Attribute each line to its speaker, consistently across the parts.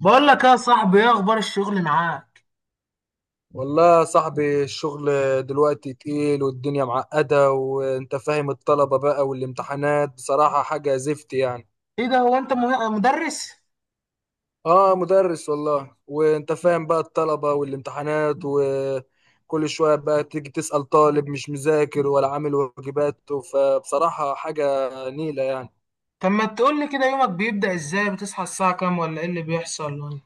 Speaker 1: بقول لك يا صاحبي، ايه اخبار الشغل معاك؟
Speaker 2: والله يا صاحبي، الشغل دلوقتي تقيل والدنيا معقدة وانت فاهم الطلبة بقى والامتحانات، بصراحة حاجة زفت يعني.
Speaker 1: ايه ده، هو انت مدرس؟
Speaker 2: اه، مدرس والله، وانت فاهم بقى الطلبة والامتحانات، وكل شوية بقى تيجي تسأل طالب مش مذاكر ولا عامل واجباته، فبصراحة حاجة نيلة يعني.
Speaker 1: طب ما تقول لي كده، يومك بيبدأ ازاي؟ بتصحى الساعة كام ولا ايه اللي بيحصل ولا إيه؟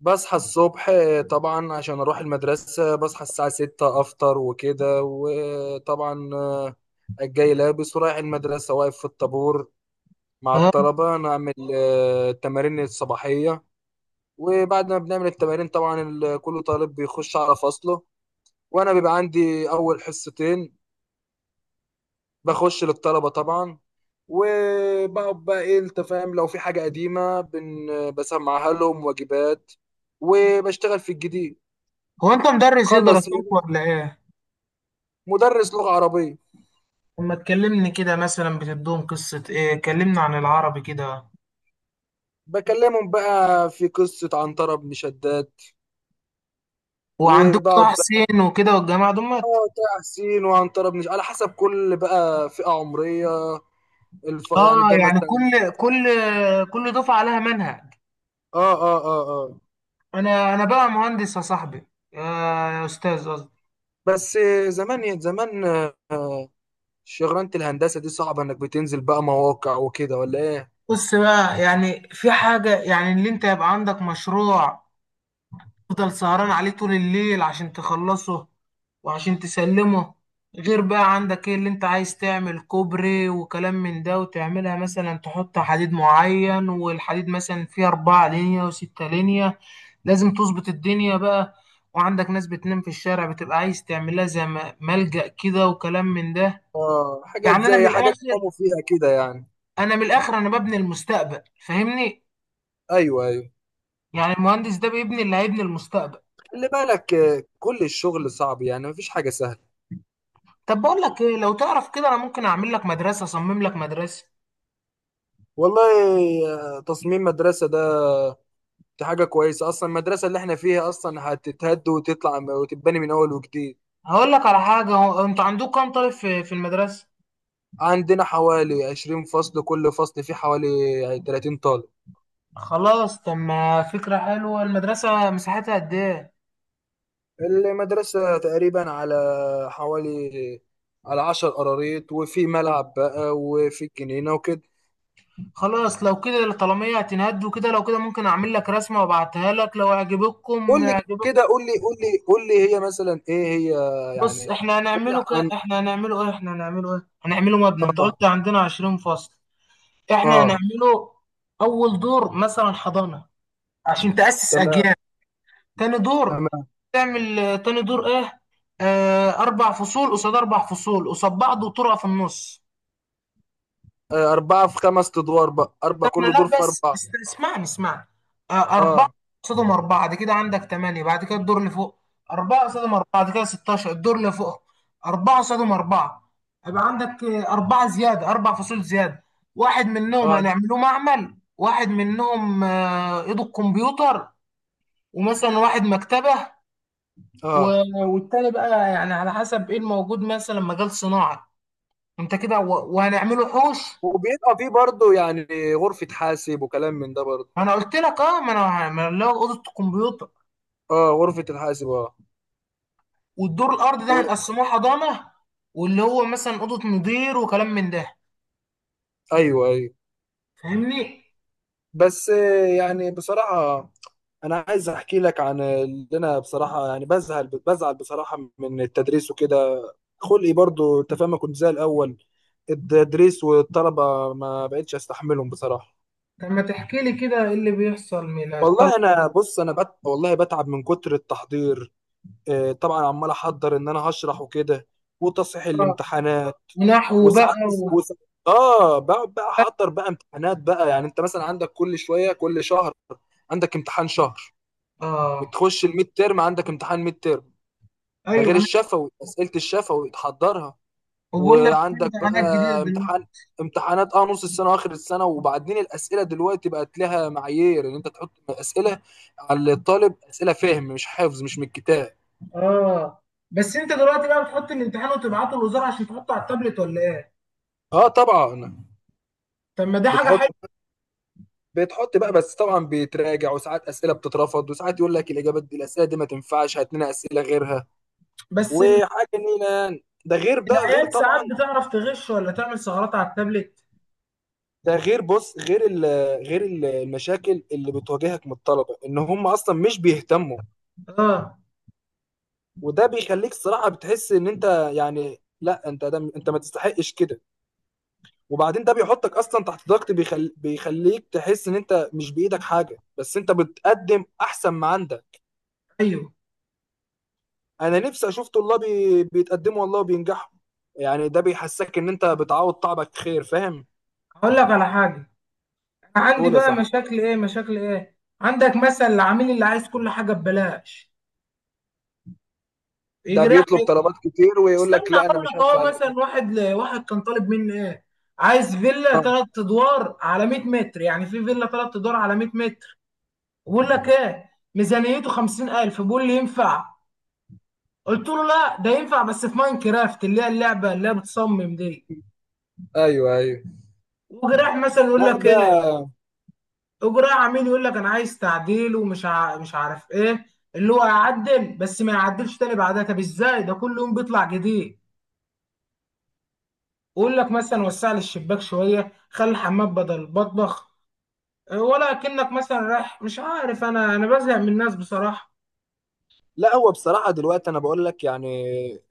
Speaker 2: بصحى الصبح طبعا عشان اروح المدرسة، بصحى الساعة ستة، افطر وكده، وطبعا الجاي لابس ورايح المدرسة، واقف في الطابور مع
Speaker 1: ها.
Speaker 2: الطلبة، نعمل التمارين الصباحية. وبعد ما بنعمل التمارين طبعا كل طالب بيخش على فصله، وأنا بيبقى عندي أول حصتين، بخش للطلبة طبعا، وبقعد بقى إيه، أنت فاهم، لو في حاجة قديمة بسمعها لهم، واجبات، وبشتغل في الجديد.
Speaker 1: هو انت مدرس ايه
Speaker 2: خلص،
Speaker 1: دراستك ولا ايه؟
Speaker 2: مدرس لغة عربية.
Speaker 1: طب ما تكلمني كده، مثلا بتدوهم قصة ايه؟ كلمنا عن العربي كده.
Speaker 2: بكلمهم بقى في قصة عنترة بن شداد،
Speaker 1: وعندك طه
Speaker 2: وبقعد بقى،
Speaker 1: حسين وكده والجماعة دمت.
Speaker 2: اه، تحسين وعنترة بن، على حسب كل بقى فئة عمرية. يعني
Speaker 1: اه
Speaker 2: ده
Speaker 1: يعني
Speaker 2: مثلا.
Speaker 1: كل دفعة عليها منهج.
Speaker 2: اه.
Speaker 1: انا بقى مهندس يا صاحبي، يا يا استاذ قصدي.
Speaker 2: بس زمان إيه، زمان، آه، شغلانة الهندسة دي صعبة، انك بتنزل بقى مواقع وكده ولا ايه؟
Speaker 1: بص بقى، يعني في حاجة، يعني اللي انت يبقى عندك مشروع تفضل سهران عليه طول الليل عشان تخلصه وعشان تسلمه. غير بقى عندك ايه اللي انت عايز تعمل؟ كوبري وكلام من ده، وتعملها مثلا تحط حديد معين، والحديد مثلا فيه أربعة لينية وستة لينية. لازم تظبط الدنيا بقى. وعندك ناس بتنام في الشارع، بتبقى عايز تعملها زي ملجأ كده وكلام من ده.
Speaker 2: اه، حاجات
Speaker 1: يعني أنا من
Speaker 2: زي
Speaker 1: الآخر،
Speaker 2: حاجات قاموا فيها كده يعني.
Speaker 1: أنا ببني المستقبل، فاهمني؟
Speaker 2: ايوه، ايوه.
Speaker 1: يعني المهندس ده بيبني، اللي هيبني المستقبل.
Speaker 2: خلي بالك كل الشغل صعب يعني، مفيش حاجة سهلة.
Speaker 1: طب بقول لك ايه، لو تعرف كده انا ممكن اعمل لك مدرسه، اصمم لك مدرسه.
Speaker 2: والله، تصميم مدرسة ده، دي حاجة كويسة، أصلا المدرسة اللي احنا فيها أصلا هتتهد وتطلع وتتبني من أول وجديد.
Speaker 1: هقول لك على حاجه، هو انتوا عندكم كام طالب في المدرسه؟
Speaker 2: عندنا حوالي 20 فصل، كل فصل فيه حوالي 30 طالب.
Speaker 1: خلاص. طب ما فكره حلوه، المدرسه مساحتها قد ايه؟
Speaker 2: المدرسة تقريبا على حوالي، على عشر قراريط، وفي ملعب بقى وفي جنينة وكده.
Speaker 1: خلاص لو كده الطلبيه هتنهدوا كده، لو كده ممكن اعمل لك رسمه وابعتها لك، لو
Speaker 2: قول
Speaker 1: عجبتكم
Speaker 2: لي
Speaker 1: عجبتكم.
Speaker 2: كده قول لي قول لي قول لي هي مثلا ايه هي
Speaker 1: بص،
Speaker 2: يعني؟ قول لي عن،
Speaker 1: احنا هنعمله ايه احنا هنعمله ايه هنعمله مبنى، انت
Speaker 2: اه.
Speaker 1: قلت عندنا 20 فصل. احنا
Speaker 2: اه
Speaker 1: هنعمله اول دور مثلا حضانه، عشان تاسس
Speaker 2: تمام
Speaker 1: اجيال. تاني دور،
Speaker 2: تمام
Speaker 1: تعمل تاني دور ايه؟ آه، اربع فصول قصاد اربع فصول قصاد بعض، وطرقه في النص.
Speaker 2: أربعة في خمس أدوار بقى، أربعة
Speaker 1: احنا
Speaker 2: كل
Speaker 1: لا،
Speaker 2: دور في
Speaker 1: بس
Speaker 2: أربعة.
Speaker 1: اسمعني. آه، اربعه
Speaker 2: اه
Speaker 1: قصادهم اربعه، دي كده عندك ثمانيه. بعد كده الدور اللي فوق، اربعه قصادهم اربعه دي كده 16. الدور اللي فوق اربعه قصادهم اربعه، يبقى عندك اربعه زياده، اربع فصول زياده. واحد منهم
Speaker 2: اه
Speaker 1: هنعمله معمل، واحد منهم ايده الكمبيوتر، ومثلا واحد مكتبه،
Speaker 2: اه.
Speaker 1: والتاني بقى يعني على حسب ايه الموجود، مثلا مجال صناعة. انت كده، وهنعمله حوش.
Speaker 2: وبيبقى فيه برضه يعني غرفة حاسب وكلام من ده برضه.
Speaker 1: ما انا قلت لك اه، ما أنا اللي هو اوضة الكمبيوتر،
Speaker 2: اه، غرفة الحاسب، اه.
Speaker 1: والدور الارضي ده
Speaker 2: و-
Speaker 1: هنقسموه حضانة، واللي هو مثلا اوضة مدير وكلام من ده.
Speaker 2: ايوه، ايوه.
Speaker 1: فاهمني؟
Speaker 2: بس يعني بصراحة، انا عايز احكي لك عن اللي انا بصراحه يعني، بزعل بزعل بصراحه من التدريس وكده. خلقي برضو، انت فاهم، ما كنت زي الاول. التدريس والطلبه ما بقتش استحملهم بصراحه.
Speaker 1: طب ما تحكي لي كده، ايه اللي بيحصل من الطلبة؟
Speaker 2: والله انا، والله بتعب من كتر التحضير. طبعا عمال احضر ان انا هشرح وكده، وتصحيح الامتحانات.
Speaker 1: ونحو
Speaker 2: وساعات،
Speaker 1: بقى
Speaker 2: وساعات اه بقعد بقى احضر بقى امتحانات بقى، يعني انت مثلا عندك كل شويه، كل شهر عندك امتحان شهر،
Speaker 1: اه،
Speaker 2: وتخش الميد تيرم عندك امتحان ميد تيرم، ده
Speaker 1: ايوه
Speaker 2: غير
Speaker 1: انا.
Speaker 2: الشفوي، اسئله الشفوي تحضرها.
Speaker 1: وبقول لك في
Speaker 2: وعندك
Speaker 1: امتحانات جديدة
Speaker 2: بقى امتحان،
Speaker 1: دلوقتي.
Speaker 2: امتحانات اه نص السنه واخر السنه. وبعدين الاسئله دلوقتي بقت لها معايير، ان انت تحط اسئله على الطالب، اسئله فهم مش حفظ، مش من الكتاب.
Speaker 1: اه، بس انت دلوقتي بقى بتحط الامتحان وتبعته للوزارة عشان تحطه على التابلت ولا ايه؟
Speaker 2: اه طبعا.
Speaker 1: طب ما دي حاجة
Speaker 2: بتحط،
Speaker 1: حلوة.
Speaker 2: بقى بس طبعا بيتراجع. وساعات اسئله بتترفض، وساعات يقول لك الاجابات دي، الاسئله دي ما تنفعش، هات لنا اسئله غيرها.
Speaker 1: بس ال-
Speaker 2: وحاجه نيله يعني. ده غير،
Speaker 1: العيال ساعات
Speaker 2: طبعا،
Speaker 1: بتعرف تغش ولا تعمل ثغرات على التابلت.
Speaker 2: ده غير بص غير ال غير ال- المشاكل اللي بتواجهك من الطلبه، ان هم اصلا مش بيهتموا،
Speaker 1: اه،
Speaker 2: وده بيخليك صراحه بتحس ان انت، يعني لا انت ده، انت ما تستحقش كده. وبعدين ده بيحطك اصلا تحت ضغط، بيخليك تحس ان انت مش بايدك حاجه، بس انت بتقدم احسن ما عندك.
Speaker 1: ايوه.
Speaker 2: انا نفسي اشوف طلاب بيتقدموا والله وبينجحوا، يعني ده بيحسسك ان انت بتعوض تعبك خير، فاهم.
Speaker 1: هقول لك على حاجه، أنا عندي
Speaker 2: قول يا
Speaker 1: بقى
Speaker 2: صاحبي.
Speaker 1: مشاكل ايه. مشاكل ايه؟ عندك مثلا العميل اللي عايز كل حاجه ببلاش،
Speaker 2: ده
Speaker 1: يجي رايح.
Speaker 2: بيطلب طلبات كتير، ويقول لك
Speaker 1: استنى،
Speaker 2: لا انا
Speaker 1: اقول
Speaker 2: مش
Speaker 1: لك اهو،
Speaker 2: هدفع الا كده.
Speaker 1: مثلا واحد واحد كان طالب مني ايه، عايز فيلا
Speaker 2: آه،
Speaker 1: ثلاث ادوار على 100 متر، يعني في فيلا ثلاث ادوار على 100 متر؟ بقول لك ايه، ميزانيته 50000 بيقول لي ينفع. قلت له لا، ده ينفع بس في ماين كرافت، اللي هي اللعبه اللي هي بتصمم دي.
Speaker 2: ايوه، ايوه.
Speaker 1: وجراح مثلا يقول
Speaker 2: لا
Speaker 1: لك
Speaker 2: ده.
Speaker 1: ايه، وجراح عميل يقول لك انا عايز تعديل، مش عارف ايه، اللي هو يعدل بس ما يعدلش تاني بعدها. طب ازاي ده كل يوم بيطلع جديد؟ ويقول لك مثلا وسع لي الشباك شويه، خلي الحمام بدل المطبخ، ولا كأنك مثلا رايح مش عارف، انا بزهق من الناس بصراحه.
Speaker 2: لا هو بصراحة دلوقتي أنا بقول لك يعني،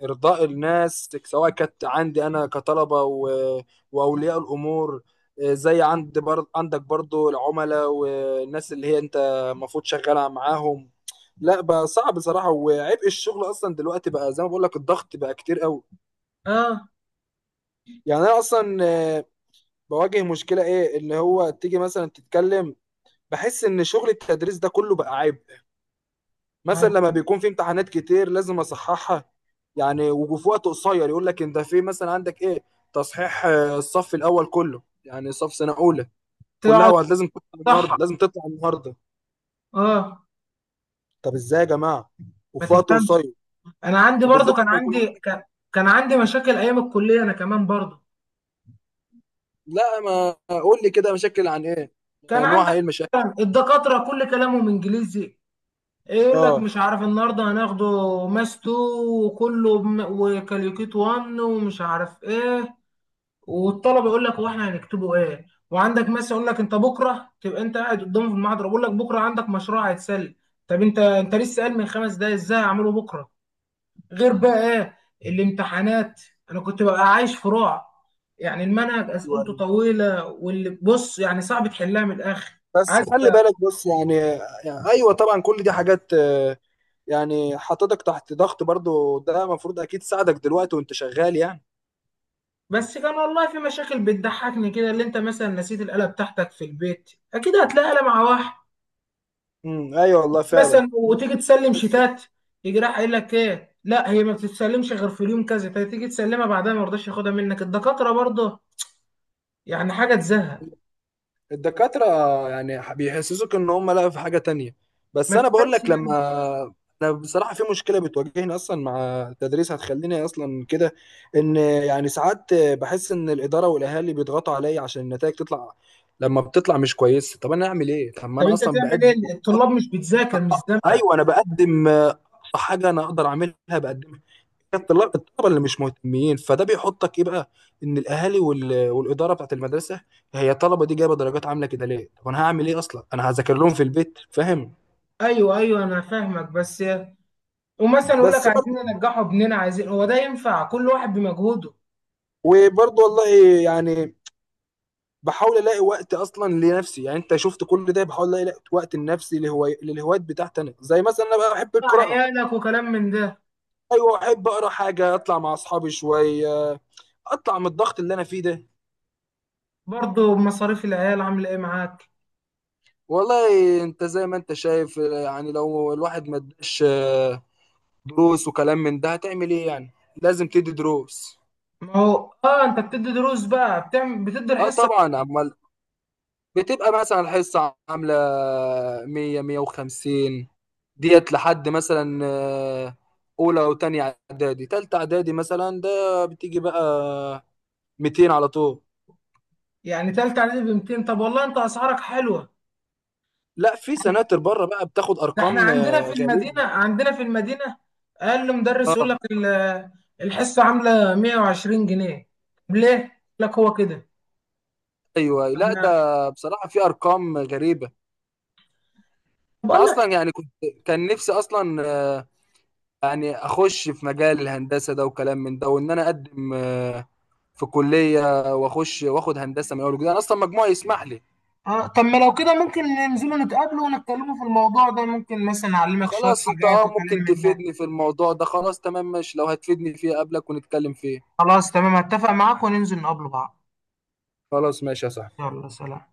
Speaker 2: إرضاء الناس، سواء كانت عندي أنا كطلبة وأولياء الأمور، زي عندك برضو العملاء والناس اللي هي أنت المفروض شغالة معاهم. لا بقى صعب بصراحة، وعبء الشغل أصلا دلوقتي بقى، زي ما بقول لك، الضغط بقى كتير قوي.
Speaker 1: اه
Speaker 2: يعني أنا أصلا بواجه مشكلة إيه، اللي هو تيجي مثلا تتكلم، بحس إن شغل التدريس ده كله بقى عيب.
Speaker 1: ما هي
Speaker 2: مثلا
Speaker 1: دي.
Speaker 2: لما بيكون في امتحانات كتير لازم اصححها، يعني وفي وقت قصير، يقول لك انت في مثلا عندك ايه، تصحيح الصف الاول كله يعني، صف سنه اولى كلها،
Speaker 1: تقعد.
Speaker 2: وقت لازم تطلع
Speaker 1: صح.
Speaker 2: النهارده، لازم تطلع النهارده.
Speaker 1: اه.
Speaker 2: طب ازاي يا جماعه؟
Speaker 1: ما
Speaker 2: وفي وقت
Speaker 1: تفهمش.
Speaker 2: قصير،
Speaker 1: انا عندي برضو
Speaker 2: وبالذات
Speaker 1: كان
Speaker 2: لما يكون
Speaker 1: عندي
Speaker 2: عندك،
Speaker 1: كان, كان عندي مشاكل ايام الكليه، انا كمان برضو.
Speaker 2: لا ما، قول لي كده مشاكل عن ايه،
Speaker 1: كان
Speaker 2: نوعها ايه
Speaker 1: عندك
Speaker 2: المشاكل.
Speaker 1: مثلاً الدكاترة كل كلامهم انجليزي، إيه يقول لك
Speaker 2: اه.
Speaker 1: مش عارف النهارده هناخده ماس 2، وكله وكاليوكيت 1 ومش عارف ايه. والطلبه يقول لك هو احنا هنكتبه ايه، وعندك ماس يقول لك انت بكره تبقى، انت قاعد قدامه في المحاضره بيقول لك بكره عندك مشروع هيتسلم. طب انت، انت لسه قال من 5 دقايق، ازاي هعمله بكره؟ غير بقى ايه الامتحانات، انا كنت ببقى عايش في رعب. يعني المنهج اسئلته
Speaker 2: أيوة.
Speaker 1: طويله، واللي بص يعني صعب تحلها من الاخر.
Speaker 2: بس
Speaker 1: عايز.
Speaker 2: خلي بالك، بص يعني، يعني ايوه طبعا كل دي حاجات يعني حطتك تحت ضغط، برضو ده المفروض اكيد ساعدك دلوقتي وانت شغال يعني.
Speaker 1: بس كان والله في مشاكل بتضحكني كده، اللي انت مثلا نسيت الآلة بتاعتك في البيت، اكيد هتلاقي آلة مع واحد
Speaker 2: ايوه والله فعلا.
Speaker 1: مثلا.
Speaker 2: بس،
Speaker 1: وتيجي تسلم
Speaker 2: بس
Speaker 1: شيتات، يجي راح قايل لك ايه لا، هي ما بتتسلمش غير في اليوم كذا، فتيجي تسلمها بعدها ما يرضاش ياخدها منك الدكاترة برضه. يعني حاجة تزهق.
Speaker 2: الدكاترة، يعني بيحسسوك ان هم، لا في حاجة تانية.
Speaker 1: ما
Speaker 2: بس انا بقول
Speaker 1: تفهمش
Speaker 2: لك،
Speaker 1: ليه.
Speaker 2: لما انا بصراحة في مشكلة بتواجهني اصلا مع التدريس، هتخليني اصلا كده، ان يعني ساعات بحس ان الإدارة والاهالي بيضغطوا عليا عشان النتائج تطلع، لما بتطلع مش كويسة. طب انا اعمل ايه؟ طب ما
Speaker 1: طب
Speaker 2: انا
Speaker 1: انت
Speaker 2: اصلا
Speaker 1: تعمل
Speaker 2: بقدم.
Speaker 1: ايه، الطلاب
Speaker 2: أق-
Speaker 1: مش بتذاكر مش ذنبك.
Speaker 2: ايوه انا بقدم اقصى حاجة انا اقدر اعملها بقدمها. الطلاب، الطلبه اللي مش مهتمين، فده بيحطك ايه بقى، ان الاهالي والاداره بتاعت المدرسه، هي الطلبه دي جايبه درجات عامله كده ليه؟ طب انا هعمل ايه؟ اصلا انا هذاكر لهم في البيت، فاهم.
Speaker 1: ايوه، ايوه، انا فاهمك بس. ومثلا يقول لك
Speaker 2: بس
Speaker 1: عايزين
Speaker 2: برضه،
Speaker 1: ننجحوا ابننا، عايزين. هو ده ينفع؟ كل واحد بمجهوده.
Speaker 2: وبرضه والله يعني، بحاول الاقي وقت اصلا لنفسي، يعني انت شفت كل ده، بحاول الاقي وقت لنفسي للهوايات بتاعتي انا، زي مثلا انا بقى بحب القراءه.
Speaker 1: عيالك وكلام من ده.
Speaker 2: ايوه، احب اقرا حاجه، اطلع مع اصحابي شويه، اطلع من الضغط اللي انا فيه ده.
Speaker 1: برضه مصاريف العيال عامله ايه معاك.
Speaker 2: والله انت زي ما انت شايف يعني، لو الواحد ما اداش دروس وكلام من ده هتعمل ايه يعني؟ لازم تدي دروس.
Speaker 1: ما هو اه، انت بتدي دروس بقى، بتعمل بتدي
Speaker 2: اه
Speaker 1: الحصه.
Speaker 2: طبعا، امال. بتبقى مثلا الحصه عامله 100، 150، ديت لحد مثلا اولى وتانية اعدادي. تالتة اعدادي مثلا ده بتيجي بقى 200 على طول.
Speaker 1: يعني تالتة اعدادي ب 200، طب والله انت اسعارك حلوه.
Speaker 2: لا، في سناتر بره بقى بتاخد
Speaker 1: ده احنا
Speaker 2: ارقام
Speaker 1: عندنا في
Speaker 2: غريبه.
Speaker 1: المدينه، عندنا في المدينه اقل مدرس يقول
Speaker 2: اه
Speaker 1: لك الحصه عامله 120 جنيه. طب ليه؟ يقول لك هو كده.
Speaker 2: ايوه،
Speaker 1: طب
Speaker 2: لا ده
Speaker 1: ما-
Speaker 2: بصراحه في ارقام غريبه. انا
Speaker 1: بقول لك
Speaker 2: اصلا يعني كنت، كان نفسي اصلا يعني اخش في مجال الهندسه ده وكلام من ده، وان انا اقدم في كليه، واخش واخد هندسه من اول وجديد، انا اصلا مجموعي يسمح لي.
Speaker 1: اه، طب ما لو كده ممكن ننزلوا نتقابلوا ونتكلموا في الموضوع ده، ممكن مثلا اعلمك شويه
Speaker 2: خلاص، انت
Speaker 1: حاجات
Speaker 2: اه
Speaker 1: وكلام
Speaker 2: ممكن
Speaker 1: من ده.
Speaker 2: تفيدني في الموضوع ده، خلاص تمام ماشي، لو هتفيدني فيه قبلك ونتكلم فيه.
Speaker 1: خلاص تمام اتفق معاك، وننزل نقابله بعض.
Speaker 2: خلاص ماشي يا صاحبي.
Speaker 1: يلا سلام.